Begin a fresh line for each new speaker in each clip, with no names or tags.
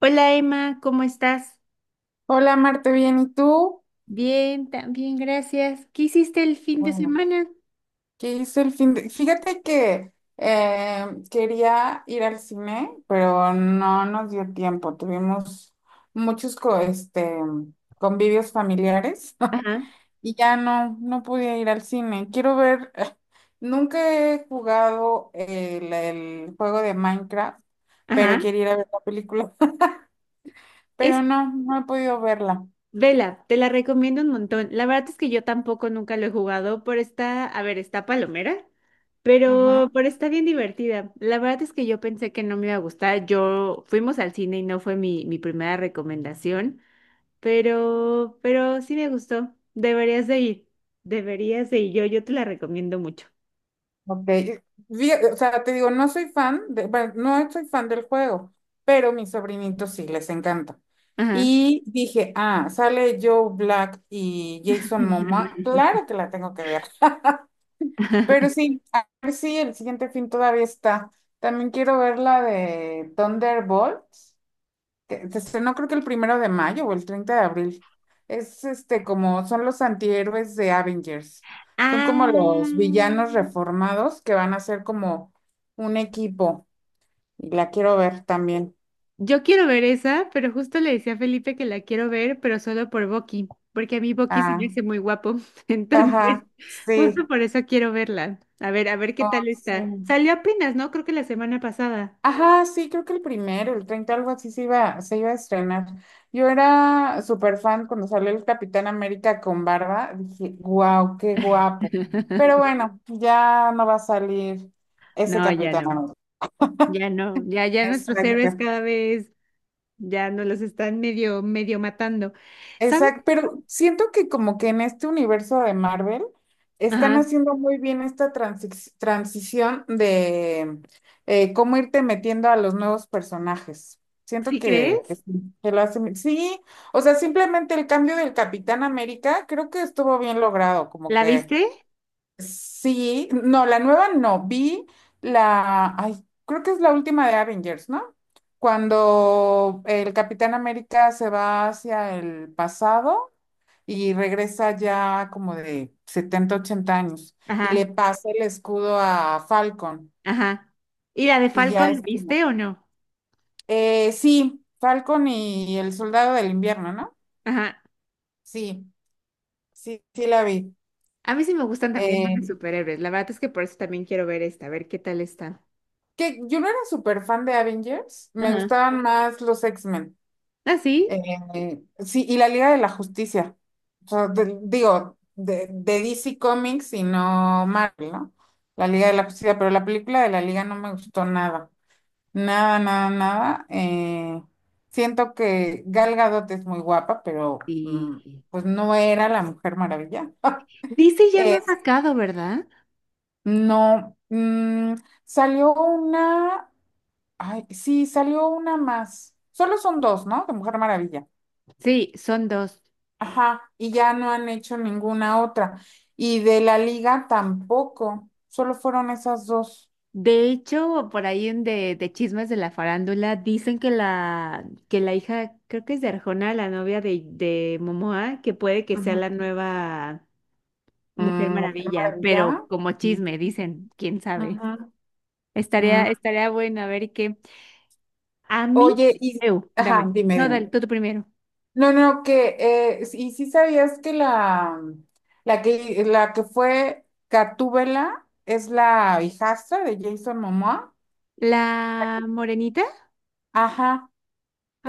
Hola Emma, ¿cómo estás?
Hola Marte, bien, ¿y tú?
Bien, también, gracias. ¿Qué hiciste el fin de
Bueno,
semana?
¿qué hizo el fin de...? Fíjate que quería ir al cine, pero no nos dio tiempo. Tuvimos muchos convivios familiares.
Ajá,
Y ya no pude ir al cine. Quiero ver, nunca he jugado el juego de Minecraft, pero
ajá.
quiero ir a ver la película,
Es
pero no he podido verla.
vela, te la recomiendo un montón. La verdad es que yo tampoco nunca lo he jugado, pero está, a ver, está palomera, pero está bien divertida. La verdad es que yo pensé que no me iba a gustar. Yo fuimos al cine y no fue mi primera recomendación, pero sí me gustó. Deberías de ir, deberías de ir. Yo te la recomiendo mucho.
Ok, o sea, te digo, no soy fan, bueno, no soy fan del juego, pero mis sobrinitos sí les encanta.
Ajá.
Y dije, ah, sale Joe Black y Jason Momoa, claro que la tengo que ver. Pero sí, a ver si el siguiente fin todavía está. También quiero ver la de Thunderbolt, que se estrenó creo que el primero de mayo o el 30 de abril. Es este como son los antihéroes de Avengers. Son como los
Ah,
villanos reformados que van a ser como un equipo. Y la quiero ver también.
yo quiero ver esa, pero justo le decía a Felipe que la quiero ver, pero solo por Bucky, porque a mí Bucky se me
Ah,
hace muy guapo. Entonces,
ajá,
justo
sí.
por eso quiero verla. A ver qué
Ah,
tal
sí.
está. Salió apenas, ¿no? Creo que la semana pasada.
Ajá, sí, creo que el primero, el 30 algo así se iba a estrenar. Yo era súper fan cuando salió el Capitán América con barba. Dije, wow, qué guapo. Pero bueno, ya no va a salir ese
No, ya
Capitán
no,
América.
ya no, ya, ya nuestros héroes
Exacto.
cada vez ya nos los están medio, medio matando. ¿Sabes?
Exacto, pero siento que como que en este universo de Marvel están
Ajá,
haciendo muy bien esta transición de cómo irte metiendo a los nuevos personajes. Siento
¿sí
que
crees?
sí, que lo hacen. Sí, o sea, simplemente el cambio del Capitán América creo que estuvo bien logrado, como
¿La
que
viste?
sí, no, la nueva no, vi la, ay, creo que es la última de Avengers, ¿no? Cuando el Capitán América se va hacia el pasado y regresa ya como de 70 80 años y
Ajá,
le pasa el escudo a Falcon
ajá. ¿Y la de
y ya
Falcon, la
es como,
viste o no?
sí, Falcon y el soldado del invierno, ¿no?
Ajá.
Sí, sí la vi.
A mí sí me gustan también los
Eh,
de superhéroes. La verdad es que por eso también quiero ver esta, a ver qué tal está.
que yo no era súper fan de Avengers, me
Ajá.
gustaban más los X-Men.
¿Ah, sí?
Sí, y la Liga de la Justicia. O sea, digo, de DC Comics y no Marvel, ¿no? La Liga de la Justicia, pero la película de la Liga no me gustó nada. Nada, nada, nada. Siento que Gal Gadot es muy guapa, pero mm,
Sí.
pues no era la Mujer Maravilla.
Dice ya no ha
Eh,
sacado, ¿verdad?
no, mm, salió una, ay, sí, salió una más. Solo son dos, ¿no? De Mujer Maravilla.
Sí, son dos.
Ajá, y ya no han hecho ninguna otra. Y de la Liga tampoco. Solo fueron esas dos.
De hecho, por ahí en de chismes de la farándula, dicen que la hija, creo que es de Arjona, la novia de Momoa, que puede que sea
Ujú.
la nueva Mujer
Mm, Mujer
Maravilla, pero
Maravilla.
como
Ujú.
chisme, dicen, quién sabe.
Ujú. Mm,
Estaría bueno a ver qué. A mí,
oye, y,
Eu, dame.
ajá, dime,
No, dale,
dime.
tú primero.
No, no, que y sí sabías que la que la que fue Gatúbela es la hijastra de Jason Momoa.
¿La morenita?
Ajá,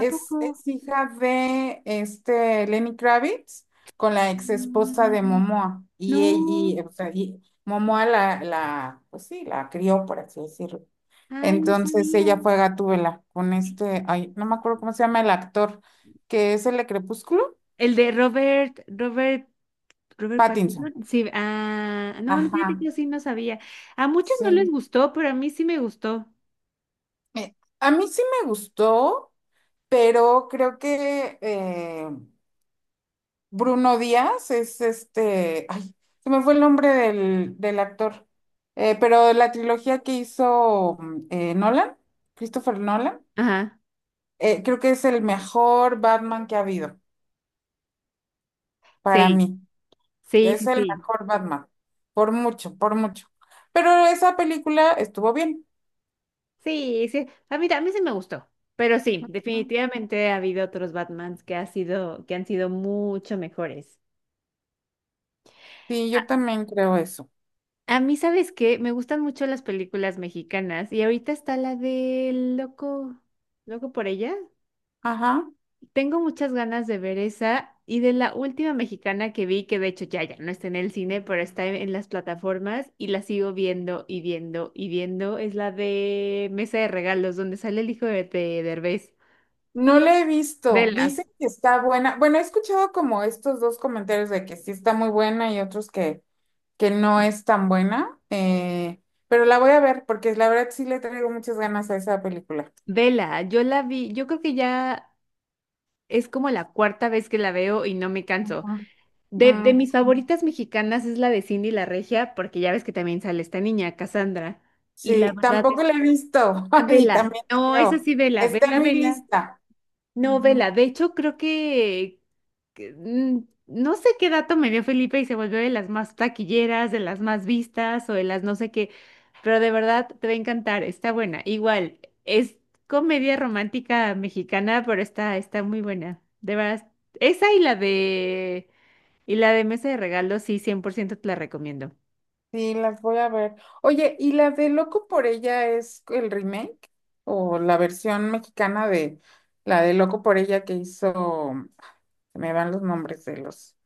¿A poco?
es hija de este Lenny Kravitz con la ex esposa de
Mm,
Momoa
no,
o sea, y Momoa la pues sí, la crió por así decirlo.
ay, no
Entonces
sabía.
ella fue Gatúbela con este, ay, no me acuerdo cómo se llama el actor que es el de Crepúsculo,
El de Robert
Pattinson.
Pattinson. Sí, ah, no, no, fíjate que
Ajá.
yo sí no sabía. A muchos no les
Sí.
gustó, pero a mí sí me gustó.
A mí sí me gustó, pero creo que Bruno Díaz es este, ay, se me fue el nombre del actor. Pero la trilogía que hizo Nolan, Christopher Nolan,
Ajá,
creo que es el mejor Batman que ha habido para
sí,
mí.
sí,
Es
sí,
el
sí.
mejor Batman, por mucho, por mucho. Pero esa película estuvo bien.
Sí, sí, a mí sí me gustó. Pero sí, definitivamente ha habido otros Batmans que ha sido, que han sido mucho mejores.
Sí, yo también creo eso.
A mí, ¿sabes qué? Me gustan mucho las películas mexicanas y ahorita está la del Loco, Loco por ella.
Ajá.
Tengo muchas ganas de ver esa y de la última mexicana que vi, que de hecho ya, ya no está en el cine, pero está en las plataformas y la sigo viendo y viendo y viendo, es la de Mesa de Regalos, donde sale el hijo de Derbez.
No la he visto.
Vela.
Dicen que está buena. Bueno, he escuchado como estos dos comentarios de que sí está muy buena y otros que no es tan buena. Pero la voy a ver porque la verdad sí le traigo muchas ganas a esa película.
Vela, yo la vi, yo creo que ya es como la cuarta vez que la veo y no me canso.
Ujú.
De
Mm,
mis favoritas mexicanas es la de Cindy la Regia, porque ya ves que también sale esta niña, Cassandra. Y la
sí,
verdad
tampoco
es,
la he visto
ah,
y
vela,
también
no, es
tengo.
así, vela,
Está
vela,
en mi
vela.
lista.
No,
Ujú.
vela, de hecho creo que mm, no sé qué dato me dio Felipe y se volvió de las más taquilleras, de las más vistas o de las no sé qué, pero de verdad te va a encantar, está buena. Igual, es comedia romántica mexicana, pero está, está muy buena. De verdad, esa y la de... Y la de mesa de regalos, sí, 100% te la recomiendo.
Sí, las voy a ver. Oye, ¿y la de Loco por ella es el remake o la versión mexicana de la de Loco por ella que hizo? Se me van los nombres de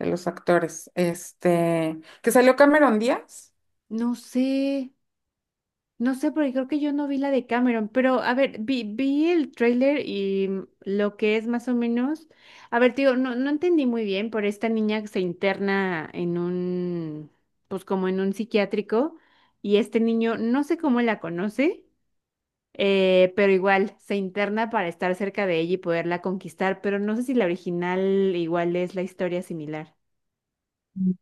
de los actores, este, que salió Cameron Díaz.
No sé, no sé, porque creo que yo no vi la de Cameron, pero a ver, vi el tráiler y mm, lo que es más o menos, a ver, tío, no, no entendí muy bien, por esta niña que se interna en un, pues como en un psiquiátrico, y este niño, no sé cómo la conoce, pero igual, se interna para estar cerca de ella y poderla conquistar, pero no sé si la original igual es la historia similar.
Mm.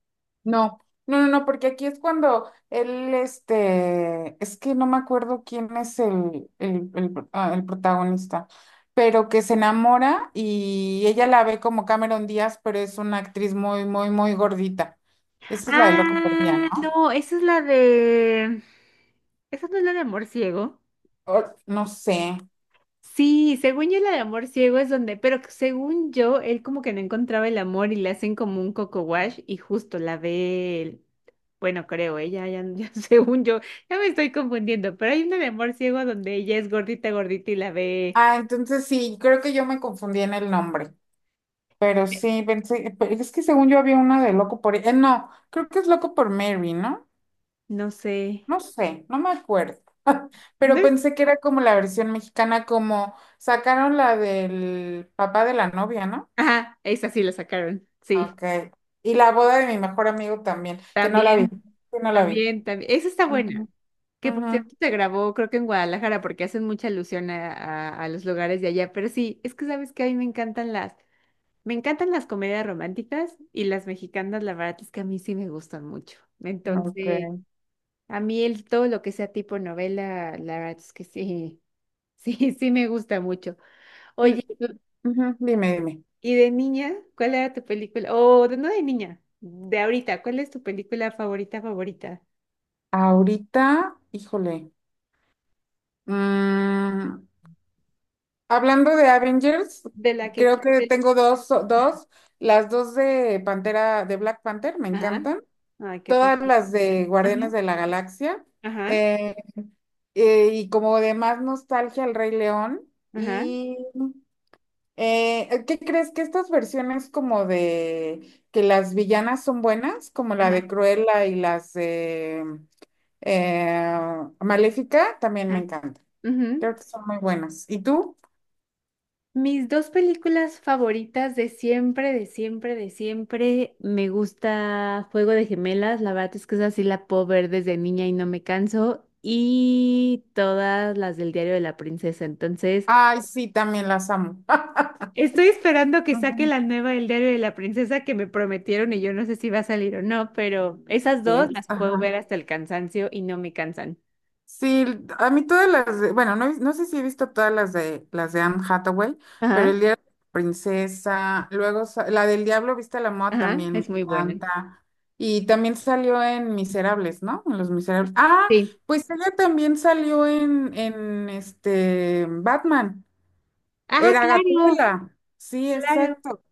No, no, no, no, porque aquí es cuando él, este, es que no me acuerdo quién es el ah, el protagonista, pero que se enamora y ella la ve como Cameron Díaz, pero es una actriz muy, muy, muy gordita. Esa es la de Loco por Día,
Ah,
¿no?
no, esa es la de... ¿Esa no es la de amor ciego?
No sé.
Sí, según yo la de amor ciego es donde, pero que según yo, él como que no encontraba el amor y le hacen como un coco wash y justo la ve él. Bueno, creo, ella, ya, ya, según yo, ya me estoy confundiendo, pero hay una de amor ciego donde ella es gordita, gordita y la ve,
Ah, entonces sí, creo que yo me confundí en el nombre. Pero sí, pensé, pero es que según yo había una de Loco por... no, creo que es Loco por Mary, ¿no?
no sé,
No sé, no me acuerdo.
¿no
Pero
es?
pensé que era como la versión mexicana, como sacaron la del papá de la novia, ¿no?
Ajá, esa sí la sacaron, sí,
Ok. Y la boda de mi mejor amigo también, que no la vi,
también,
que no la vi.
también, también, esa está buena.
Ujú,
Que por
ujú,
cierto se grabó, creo que en Guadalajara, porque hacen mucha alusión a los lugares de allá. Pero sí, es que sabes que a mí me encantan las comedias románticas y las mexicanas, la verdad es que a mí sí me gustan mucho. Entonces,
ok.
a mí el todo lo que sea tipo novela, la verdad es que sí, sí, sí me gusta mucho. Oye,
L- l- ujú, dime, dime.
¿y de niña? ¿Cuál era tu película? O de no de niña, de ahorita, ¿cuál es tu película favorita, favorita?
Ahorita, híjole. Mm, hablando de Avengers,
De la que...
creo
qui-
que tengo dos, las dos de Pantera, de Black Panther, me
Ajá.
encantan,
Ay, qué tal.
todas las de Guardianes
Ajá,
de la Galaxia,
ajá.
eh, y como de más nostalgia El Rey León,
Ajá.
y ¿qué crees que estas versiones como de que las villanas son buenas, como la
Ajá,
de Cruella y las de eh, Maléfica, también me
ajá.
encantan, creo
Ujú.
que son muy buenas. ¿Y tú?
Mis dos películas favoritas de siempre, de siempre, de siempre. Me gusta Juego de Gemelas. La verdad es que esa sí la puedo ver desde niña y no me canso. Y todas las del Diario de la Princesa. Entonces,
Ay, sí, también las amo.
estoy esperando que saque
Ujú.
la nueva del Diario de la Princesa que me prometieron y yo no sé si va a salir o no, pero esas dos
Es,
las puedo ver
ajá.
hasta el cansancio y no me cansan.
Sí, a mí todas las de, bueno, no, no sé si he visto todas las de Anne Hathaway, pero el
Ajá,
día de la princesa, luego la del diablo viste a la moda
ajá,
también me
es muy buena.
encanta. Y también salió en Miserables, ¿no? En Los Miserables. Ah,
Sí.
pues ella también salió en este Batman.
Ah,
Era
claro,
Gatúbela. Sí,
claro.
exacto.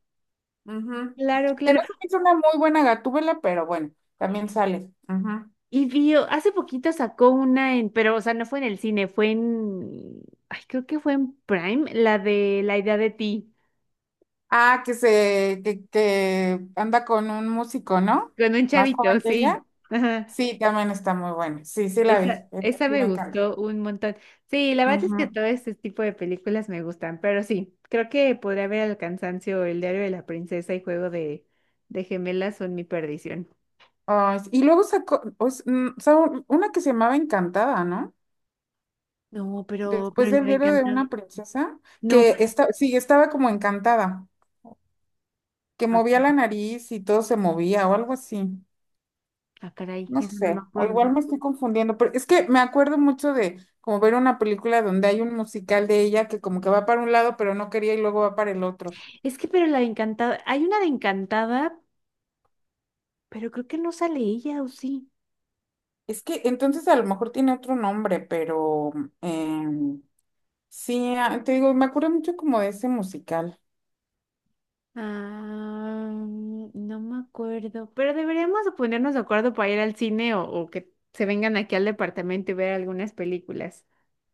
Ujú.
Claro,
Que no
claro.
se me hizo una muy buena Gatúbela, pero bueno, también sale. Ujú.
Y vio, hace poquito sacó una en, pero, o sea, no fue en el cine, fue en, ay, creo que fue en Prime, la de La idea de ti,
Ah, que anda con un músico, ¿no?
con un
Más
chavito,
joven que ella.
sí. Ajá.
Sí, también está muy buena. Sí, sí la vi.
Esa, esa
Sí,
me
me encanta.
gustó un montón. Sí, la verdad es que
Ujú.
todo este tipo de películas me gustan, pero sí, creo que podría ver El cansancio, El diario de la princesa y Juego de gemelas son mi perdición.
Ay, sí, y luego sacó, sacó una que se llamaba Encantada, ¿no?
No, pero
Después
le
del
va a
diario de
encantar.
una princesa,
No,
que
pero,
está, sí, estaba como encantada, que
ah,
movía
caray,
la nariz y todo se movía o algo así.
ah, caray,
No
eso no me
sé, o
acuerdo.
igual me estoy confundiendo, pero es que me acuerdo mucho de como ver una película donde hay un musical de ella que como que va para un lado, pero no quería y luego va para el otro.
Es que, pero la de Encantada, hay una de Encantada, pero creo que no sale ella, ¿o sí?
Es que entonces a lo mejor tiene otro nombre, pero em, sí, ah, te digo, me acuerdo mucho como de ese musical.
Ah, no me acuerdo, pero deberíamos de ponernos de acuerdo para ir al cine o que se vengan aquí al departamento y ver algunas películas.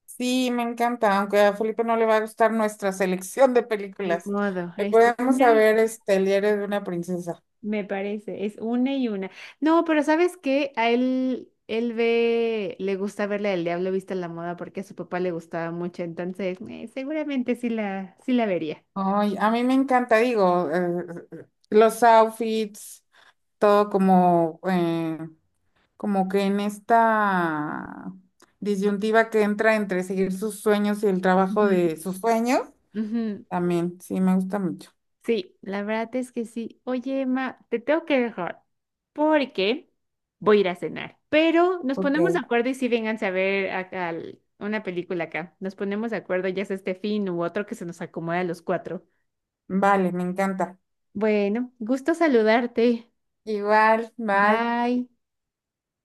Sí, me encanta, aunque a Felipe no le va a gustar nuestra selección de
Ni
películas.
modo, es
Podemos
una, y-
saber este, El diario de una princesa.
me parece, es una y una. No, pero ¿sabes qué? A él, él ve, le gusta verla del Diablo Vista en la Moda porque a su papá le gustaba mucho, entonces seguramente sí la, sí la vería.
Ay, a mí me encanta, digo, los outfits. Todo como, como que en esta disyuntiva que entra entre seguir sus sueños y el trabajo
Ujú,
de sus sueños,
ujú.
también, sí, me gusta mucho.
Sí, la verdad es que sí. Oye, Emma, te tengo que dejar porque voy a ir a cenar. Pero nos
Ok.
ponemos de acuerdo y si vengan a ver acá al- una película acá. Nos ponemos de acuerdo, ya sea este fin u otro que se nos acomode a los cuatro.
Vale, me encanta.
Bueno, gusto saludarte.
Igual, bye.
Bye.